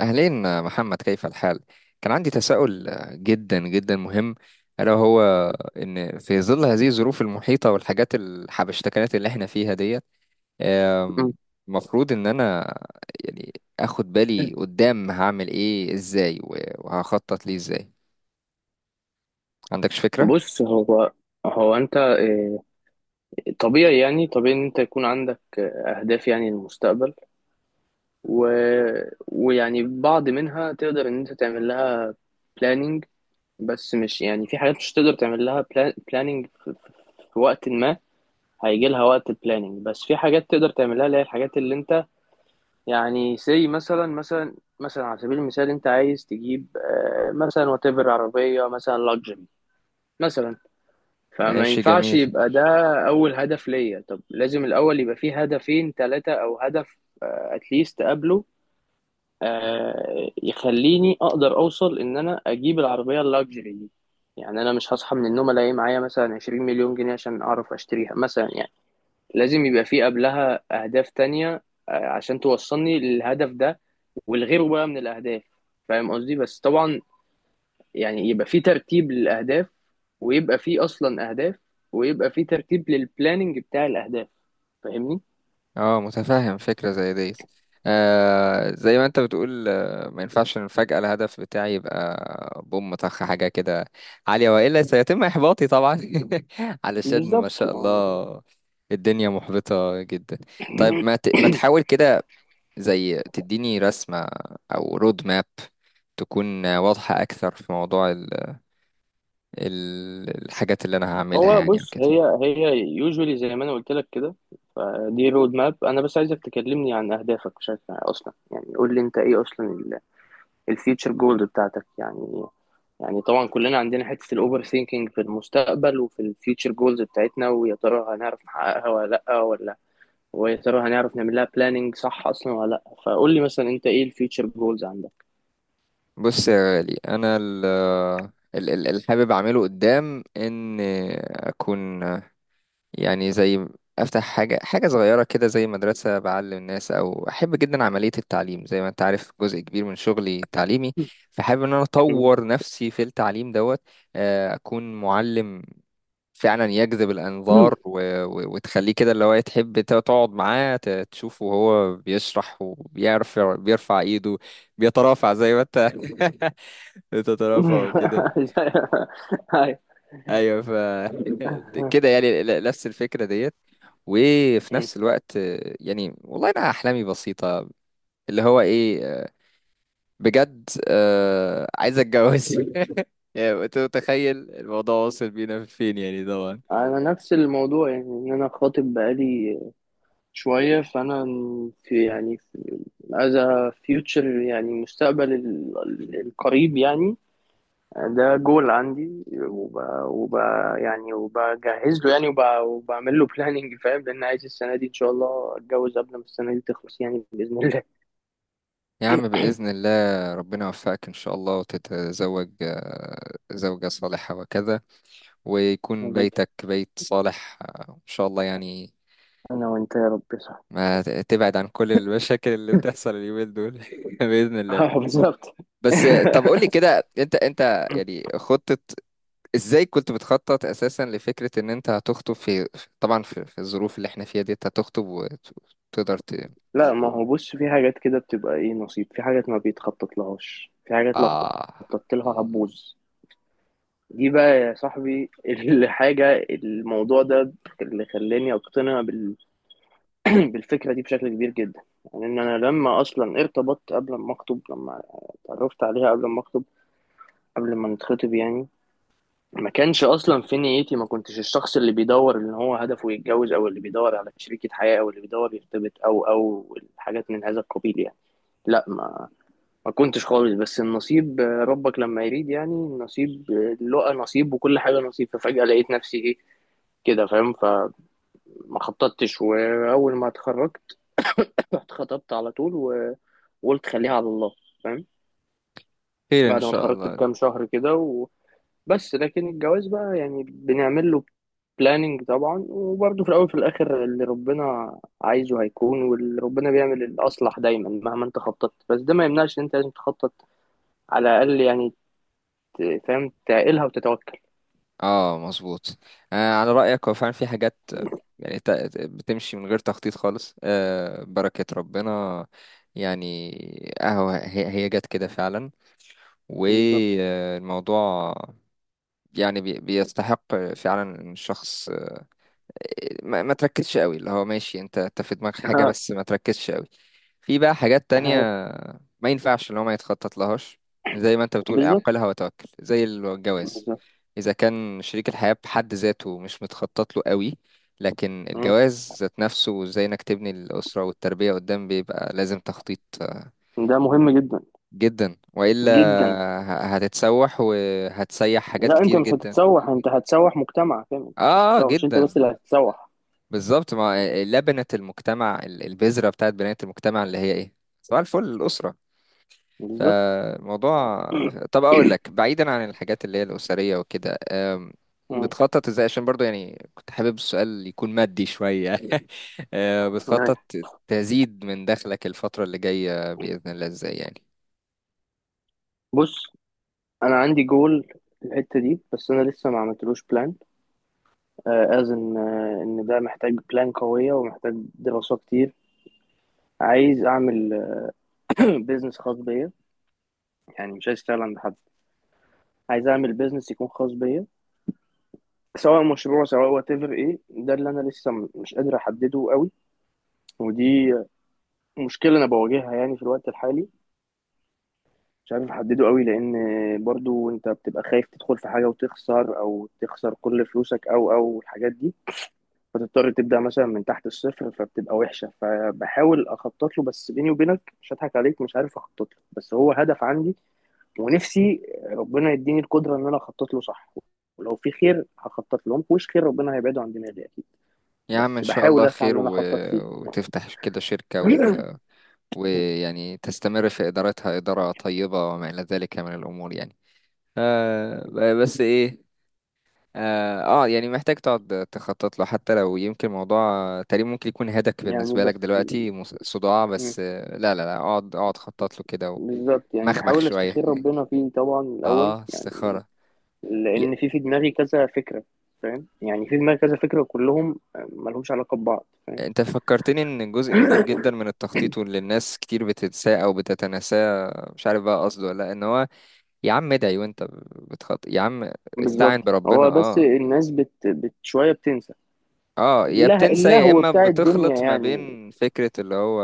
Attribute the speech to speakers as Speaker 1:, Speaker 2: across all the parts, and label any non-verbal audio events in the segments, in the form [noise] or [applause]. Speaker 1: أهلين محمد، كيف الحال؟ كان عندي تساؤل جدا جدا مهم، ألا هو إن في ظل هذه الظروف المحيطة والحاجات الحبشتكنات اللي احنا فيها ديت، آم،
Speaker 2: مم.
Speaker 1: المفروض إن أنا يعني أخد بالي قدام هعمل إيه إزاي وهخطط ليه إزاي؟ عندكش فكرة؟
Speaker 2: بص هو هو انت طبيعي يعني طبيعي ان انت يكون عندك اهداف يعني للمستقبل و... ويعني بعض منها تقدر ان انت تعمل لها planning بس مش يعني في حاجات مش تقدر تعمل لها planning في وقت ما هيجي لها وقت planning، بس في حاجات تقدر تعملها اللي هي الحاجات اللي انت يعني زي مثلا على سبيل المثال انت عايز تجيب مثلا وتبر عربية مثلا luxury مثلا. فما
Speaker 1: ماشي
Speaker 2: ينفعش
Speaker 1: جميل.
Speaker 2: يبقى ده أول هدف ليا، طب لازم الأول يبقى فيه هدفين ثلاثة أو هدف أتليست قبله يخليني أقدر أوصل إن أنا أجيب العربية اللاكجري دي. يعني أنا مش هصحى من النوم ألاقي معايا مثلا 20 مليون جنيه عشان أعرف أشتريها مثلا يعني. لازم يبقى فيه قبلها أهداف تانية عشان توصلني للهدف ده، والغيره بقى من الأهداف. فاهم قصدي؟ بس طبعا يعني يبقى فيه ترتيب للأهداف، ويبقى فيه اصلا اهداف، ويبقى فيه ترتيب للبلاننج بتاع الاهداف. فاهمني؟
Speaker 1: اه متفهم فكرة زي ديت. آه زي ما انت بتقول، آه ما ينفعش ان فجأة الهدف بتاعي يبقى بوم طخ حاجة كده عالية، وإلا سيتم إحباطي طبعا [laughs] علشان ما
Speaker 2: بالظبط
Speaker 1: شاء
Speaker 2: يعني.
Speaker 1: الله الدنيا محبطة جدا. طيب ما تحاول
Speaker 2: [clears throat]
Speaker 1: كده زي تديني رسمة أو رود ماب، تكون واضحة أكثر في موضوع الحاجات اللي أنا هعملها
Speaker 2: هو
Speaker 1: يعني
Speaker 2: بص هي
Speaker 1: وكده.
Speaker 2: هي يوجولي زي ما انا قلت لك كده. فدي رود ماب. انا بس عايزك تكلمني عن اهدافك بشكل اصلا، يعني قول لي انت ايه اصلا الفيوتشر جولز بتاعتك يعني. يعني طبعا كلنا عندنا حته الاوفر ثينكينج في المستقبل وفي الفيوتشر جولز بتاعتنا، ويا ترى هنعرف نحققها ولا لا ولا، ويا ترى هنعرف نعمل لها بلاننج صح اصلا ولا لا. فقول لي مثلا انت ايه الفيوتشر جولز عندك.
Speaker 1: بص يا غالي، انا اللي حابب اعمله قدام ان اكون يعني زي افتح حاجه صغيره كده زي مدرسه بعلم الناس، او احب جدا عمليه التعليم، زي ما انت عارف جزء كبير من شغلي تعليمي، فحابب ان انا
Speaker 2: مم.
Speaker 1: اطور نفسي في التعليم دوت. اكون معلم فعلا يجذب
Speaker 2: مم.
Speaker 1: الانظار وتخليه كده اللي هو تحب تقعد معاه تشوفه وهو بيشرح وبيرفع ايده، بيترافع زي ما انت [laughs] تترفع وكده.
Speaker 2: [laughs] هاي.
Speaker 1: ايوه ف [laughs] كده يعني نفس الفكره ديت. وفي
Speaker 2: مم.
Speaker 1: نفس الوقت، يعني والله انا احلامي بسيطه، اللي هو ايه، بجد عايز اتجوز [laughs] يعني أنت متخيل الموضوع واصل بينا فين يعني طبعا.
Speaker 2: انا نفس الموضوع، يعني ان انا خاطب بقالي شويه. فانا في از فيوتشر، يعني المستقبل القريب يعني. ده جول عندي، وب... يعني وبجهز له يعني، وبعمل له بلاننج، فاهم؟ لان عايز السنه دي ان شاء الله اتجوز قبل ما السنه دي تخلص يعني باذن الله.
Speaker 1: يا عم
Speaker 2: [laughs]
Speaker 1: بإذن الله، ربنا يوفقك إن شاء الله وتتزوج زوجة صالحة وكذا، ويكون
Speaker 2: حبيبي،
Speaker 1: بيتك بيت صالح إن شاء الله يعني.
Speaker 2: انا وانت يا رب، صح.
Speaker 1: ما ت- تبعد عن كل المشاكل اللي بتحصل اليومين دول [laughs] بإذن الله.
Speaker 2: اه بالظبط.
Speaker 1: بس.
Speaker 2: [laughs]
Speaker 1: طب قول لي كده، انت يعني خطة ازاي كنت بتخطط اساسا لفكرة ان انت هتخطب، في طبعا في الظروف اللي احنا فيها دي انت هتخطب وتقدر
Speaker 2: لا ما هو بص، في حاجات كده بتبقى ايه نصيب، في حاجات ما بيتخطط لهاش، في حاجات لو
Speaker 1: اه.
Speaker 2: خططت لها هتبوظ. دي بقى يا صاحبي الحاجة، الموضوع ده اللي خلاني أقتنع [clears throat] بالفكرة دي بشكل كبير جدا. يعني إن أنا لما أصلا ارتبطت، قبل ما أخطب، لما اتعرفت عليها قبل ما أخطب قبل ما نتخطب يعني، ما كانش أصلا في نيتي، ما كنتش الشخص اللي بيدور إن هو هدفه يتجوز، أو اللي بيدور على شريكة حياة، أو اللي بيدور يرتبط، أو أو الحاجات من هذا القبيل يعني. لا ما كنتش خالص، بس النصيب ربك لما يريد يعني. النصيب لقى نصيب، وكل حاجة نصيب. ففجأة لقيت نفسي إيه كده، فاهم؟ خططتش، وأول ما اتخرجت اتخطبت على طول وقلت خليها على الله. فاهم؟
Speaker 1: خير ان
Speaker 2: بعد ما
Speaker 1: شاء
Speaker 2: اتخرجت
Speaker 1: الله.
Speaker 2: بكام شهر كده وبس. لكن الجواز بقى يعني بنعمل له بلاننج طبعا، وبرضه في الاول وفي الاخر اللي ربنا عايزه هيكون، واللي ربنا بيعمل الاصلح دايما مهما انت خططت. بس ده ما يمنعش ان انت لازم تخطط على الاقل يعني، فاهم، تعقلها وتتوكل.
Speaker 1: اه مظبوط. آه على رأيك هو فعلا في حاجات، يعني بتمشي من غير تخطيط خالص، آه بركة ربنا يعني اهو هي جت كده فعلا،
Speaker 2: بالظبط.
Speaker 1: والموضوع يعني بيستحق فعلا ان الشخص ما تركزش قوي، اللي هو ماشي انت في دماغك
Speaker 2: [laughs]
Speaker 1: حاجة،
Speaker 2: ها.
Speaker 1: بس ما تركزش قوي في بقى حاجات تانية.
Speaker 2: ها.
Speaker 1: ما ينفعش اللي هو ما يتخطط لهاش، زي ما انت بتقول
Speaker 2: بالظبط.
Speaker 1: اعقلها وتوكل، زي الجواز
Speaker 2: بالظبط.
Speaker 1: اذا كان شريك الحياة بحد ذاته مش متخطط له قوي. لكن
Speaker 2: مم.
Speaker 1: الجواز ذات نفسه، وازاي انك تبني الأسرة والتربية قدام، بيبقى لازم تخطيط
Speaker 2: ده مهم جدا.
Speaker 1: جدا، والا
Speaker 2: جدا.
Speaker 1: هتتسوح وهتسيح حاجات
Speaker 2: لا انت
Speaker 1: كتير
Speaker 2: مش
Speaker 1: جدا.
Speaker 2: هتتسوح، انت هتسوح مجتمع، فاهم؟ مش
Speaker 1: اه
Speaker 2: هتتسوح، مش انت
Speaker 1: جدا،
Speaker 2: بس اللي هتتسوح.
Speaker 1: بالظبط. ما لبنة المجتمع، البذرة بتاعت بناية المجتمع اللي هي ايه؟ صباح الفل، الأسرة.
Speaker 2: بالظبط.
Speaker 1: فموضوع، طب اقول لك بعيدا عن الحاجات اللي هي الأسرية وكده،
Speaker 2: مم.
Speaker 1: بتخطط ازاي؟ عشان برضو يعني كنت حابب السؤال يكون مادي شوية [laughs]
Speaker 2: أيوة.
Speaker 1: بتخطط تزيد من دخلك الفترة اللي جاية بإذن الله ازاي يعني؟
Speaker 2: بص، انا عندي جول في الحته دي بس انا لسه ما عملتلوش بلان. ان ان ده محتاج بلان قويه ومحتاج دراسه كتير. عايز اعمل [clears throat] بيزنس [coughs] خاص بيا. يعني مش عايز اشتغل عند حد، عايز اعمل بيزنس يكون خاص بيا، سواء مشروع سواء وات ايفر. ايه ده اللي انا لسه مش قادر احدده قوي. ودي مشكله انا بواجهها يعني في الوقت الحالي، مش عارف احدده قوي، لان برضو انت بتبقى خايف تدخل في حاجه وتخسر، او تخسر كل فلوسك، او او الحاجات دي. فتضطر تبدأ مثلا من تحت الصفر، فبتبقى وحشة. فبحاول أخطط له، بس بيني وبينك مش هضحك عليك، مش عارف أخطط له، بس هو هدف عندي. ونفسي ربنا يديني القدرة إن أنا أخطط له صح، ولو في خير هخطط له، مفيهوش خير ربنا هيبعده عن دماغي أكيد.
Speaker 1: يا عم ان
Speaker 2: بس
Speaker 1: شاء
Speaker 2: بحاول
Speaker 1: الله
Speaker 2: أسعى
Speaker 1: خير،
Speaker 2: إن أنا أخطط فيه. [coughs]
Speaker 1: وتفتح كده شركة،
Speaker 2: [laughs]
Speaker 1: ويعني تستمر في ادارتها ادارة طيبة وما الى ذلك من الامور يعني. آه بس ايه، اه يعني محتاج تقعد تخطط له، حتى لو يمكن موضوع تقريبا ممكن يكون هدك
Speaker 2: يعني
Speaker 1: بالنسبة لك
Speaker 2: بس
Speaker 1: دلوقتي صداع، بس
Speaker 2: م-
Speaker 1: لا اقعد خطط له كده
Speaker 2: بالظبط يعني،
Speaker 1: ومخمخ
Speaker 2: بحاول
Speaker 1: شوية.
Speaker 2: أستخير ربنا فيه طبعا الأول
Speaker 1: اه
Speaker 2: يعني.
Speaker 1: استخارة.
Speaker 2: لأن
Speaker 1: ي-
Speaker 2: في دماغي كذا فكرة، فاهم؟ يعني في دماغي كذا فكرة كلهم ملهمش علاقة ببعض، فاهم؟
Speaker 1: انت فكرتني ان جزء كبير
Speaker 2: [coughs]
Speaker 1: جدا من التخطيط واللي الناس كتير بتنساه او بتتناساه، مش عارف بقى قصده ولا لأ، ان هو يا عم ادعي وانت بتخط يا عم، استعن
Speaker 2: بالظبط.
Speaker 1: بربنا.
Speaker 2: هو بس
Speaker 1: اه
Speaker 2: الناس بت شوية بتنسى.
Speaker 1: اه، يا
Speaker 2: الله،
Speaker 1: بتنسى يا
Speaker 2: اللهو
Speaker 1: اما
Speaker 2: بتاع الدنيا
Speaker 1: بتخلط ما
Speaker 2: يعني.
Speaker 1: بين فكرة اللي هو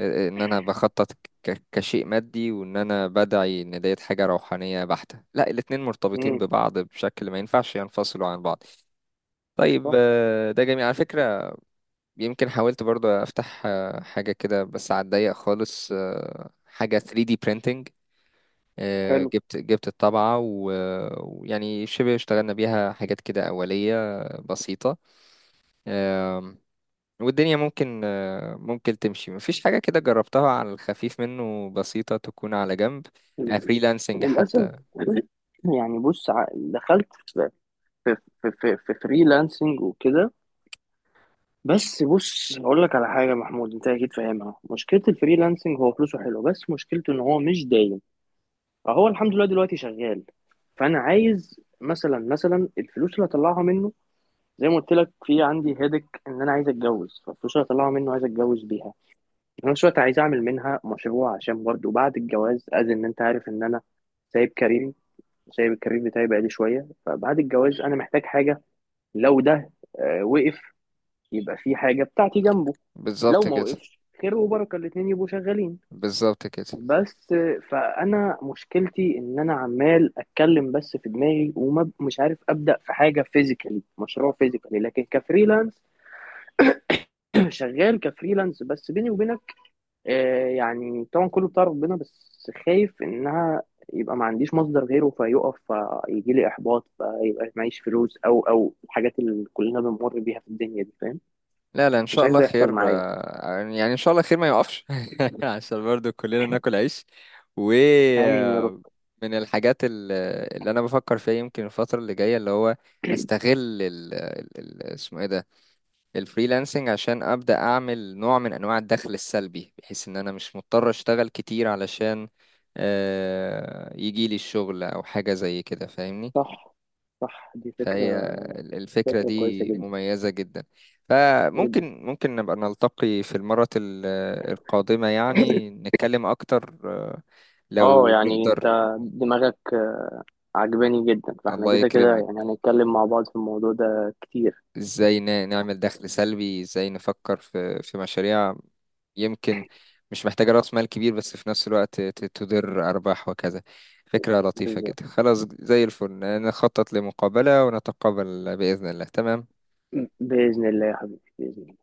Speaker 1: ان انا بخطط كشيء مادي، وان انا بدعي ان ديت حاجة روحانية بحتة. لا، الاتنين مرتبطين
Speaker 2: امم.
Speaker 1: ببعض بشكل ما ينفعش ينفصلوا عن بعض. طيب
Speaker 2: صح.
Speaker 1: ده جميل على فكرة. يمكن حاولت برضه افتح حاجة كده بس على الضيق خالص، حاجة 3D printing.
Speaker 2: حلو.
Speaker 1: جبت الطبعة ويعني شبه اشتغلنا بيها حاجات كده أولية بسيطة. آم، والدنيا ممكن ممكن تمشي، مفيش حاجة كده جربتها على الخفيف منه، بسيطة، تكون على جنب، فريلانسنج
Speaker 2: للأسف
Speaker 1: حتى.
Speaker 2: [clears throat] يعني بص، دخلت في في فريلانسنج وكده. بس بص هقول لك على حاجة محمود، انت اكيد فاهمها. مشكلة الفريلانسنج هو فلوسه حلو، بس مشكلته ان هو مش دايم. فهو الحمد لله دلوقتي شغال. فانا عايز مثلا الفلوس اللي هطلعها منه، زي ما قلت لك في عندي هيدك ان انا عايز اتجوز، فالفلوس اللي هطلعها منه عايز اتجوز بيها. في نفس الوقت عايز اعمل منها مشروع، عشان برضه بعد الجواز ان انت عارف ان انا سايب كاريري، سايب الكارير بتاعي بقالي شويه. فبعد الجواز انا محتاج حاجه، لو ده وقف يبقى في حاجه بتاعتي جنبه،
Speaker 1: بالظبط
Speaker 2: لو ما
Speaker 1: كده.
Speaker 2: وقفش خير وبركه، الاتنين يبقوا شغالين.
Speaker 1: بالظبط كده.
Speaker 2: بس فانا مشكلتي ان انا عمال اتكلم بس في دماغي، ومش عارف ابدا في حاجه فيزيكالي، مشروع فيزيكالي، لكن كفريلانس شغال كفريلانس. بس بيني وبينك يعني طبعا كله بتاع ربنا، بس خايف انها يبقى ما عنديش مصدر غيره فيقف، فيجي لي احباط، فيبقى معيش فلوس، او او الحاجات اللي كلنا بنمر بيها في الدنيا دي، فاهم؟
Speaker 1: لا لا إن
Speaker 2: مش
Speaker 1: شاء
Speaker 2: عايز
Speaker 1: الله
Speaker 2: ده يحصل
Speaker 1: خير،
Speaker 2: معايا.
Speaker 1: يعني إن شاء الله خير ما يقفش [laughs] عشان برضو كلنا ناكل عيش.
Speaker 2: امين يا رب.
Speaker 1: ومن الحاجات اللي انا بفكر فيها يمكن الفترة اللي جاية، اللي هو استغل ال ال- اسمه ايه ده، الفريلانسنج، عشان ابدا اعمل نوع من انواع الدخل السلبي، بحيث ان انا مش مضطر اشتغل كتير علشان يجي لي الشغل او حاجة زي كده، فاهمني؟
Speaker 2: صح. صح دي
Speaker 1: فهي
Speaker 2: فكرة.
Speaker 1: الفكرة
Speaker 2: فكرة كويسة
Speaker 1: دي
Speaker 2: جدا.
Speaker 1: مميزة جدا.
Speaker 2: جدا.
Speaker 1: فممكن ممكن نبقى نلتقي في المرة القادمة يعني نتكلم اكتر،
Speaker 2: اه
Speaker 1: لو
Speaker 2: يعني انت
Speaker 1: نقدر.
Speaker 2: دماغك عجباني جدا. فاحنا
Speaker 1: الله
Speaker 2: كده كده
Speaker 1: يكرمك.
Speaker 2: يعني هنتكلم مع بعض في الموضوع ده كتير.
Speaker 1: ازاي نعمل دخل سلبي، ازاي نفكر في مشاريع يمكن مش محتاجة رأس مال كبير، بس في نفس الوقت تدر أرباح وكذا. فكرة لطيفة
Speaker 2: بالظبط.
Speaker 1: جدا، خلاص زي الفل. نخطط لمقابلة ونتقابل بإذن الله. تمام.
Speaker 2: بإذن الله يا حبيبي بإذن الله.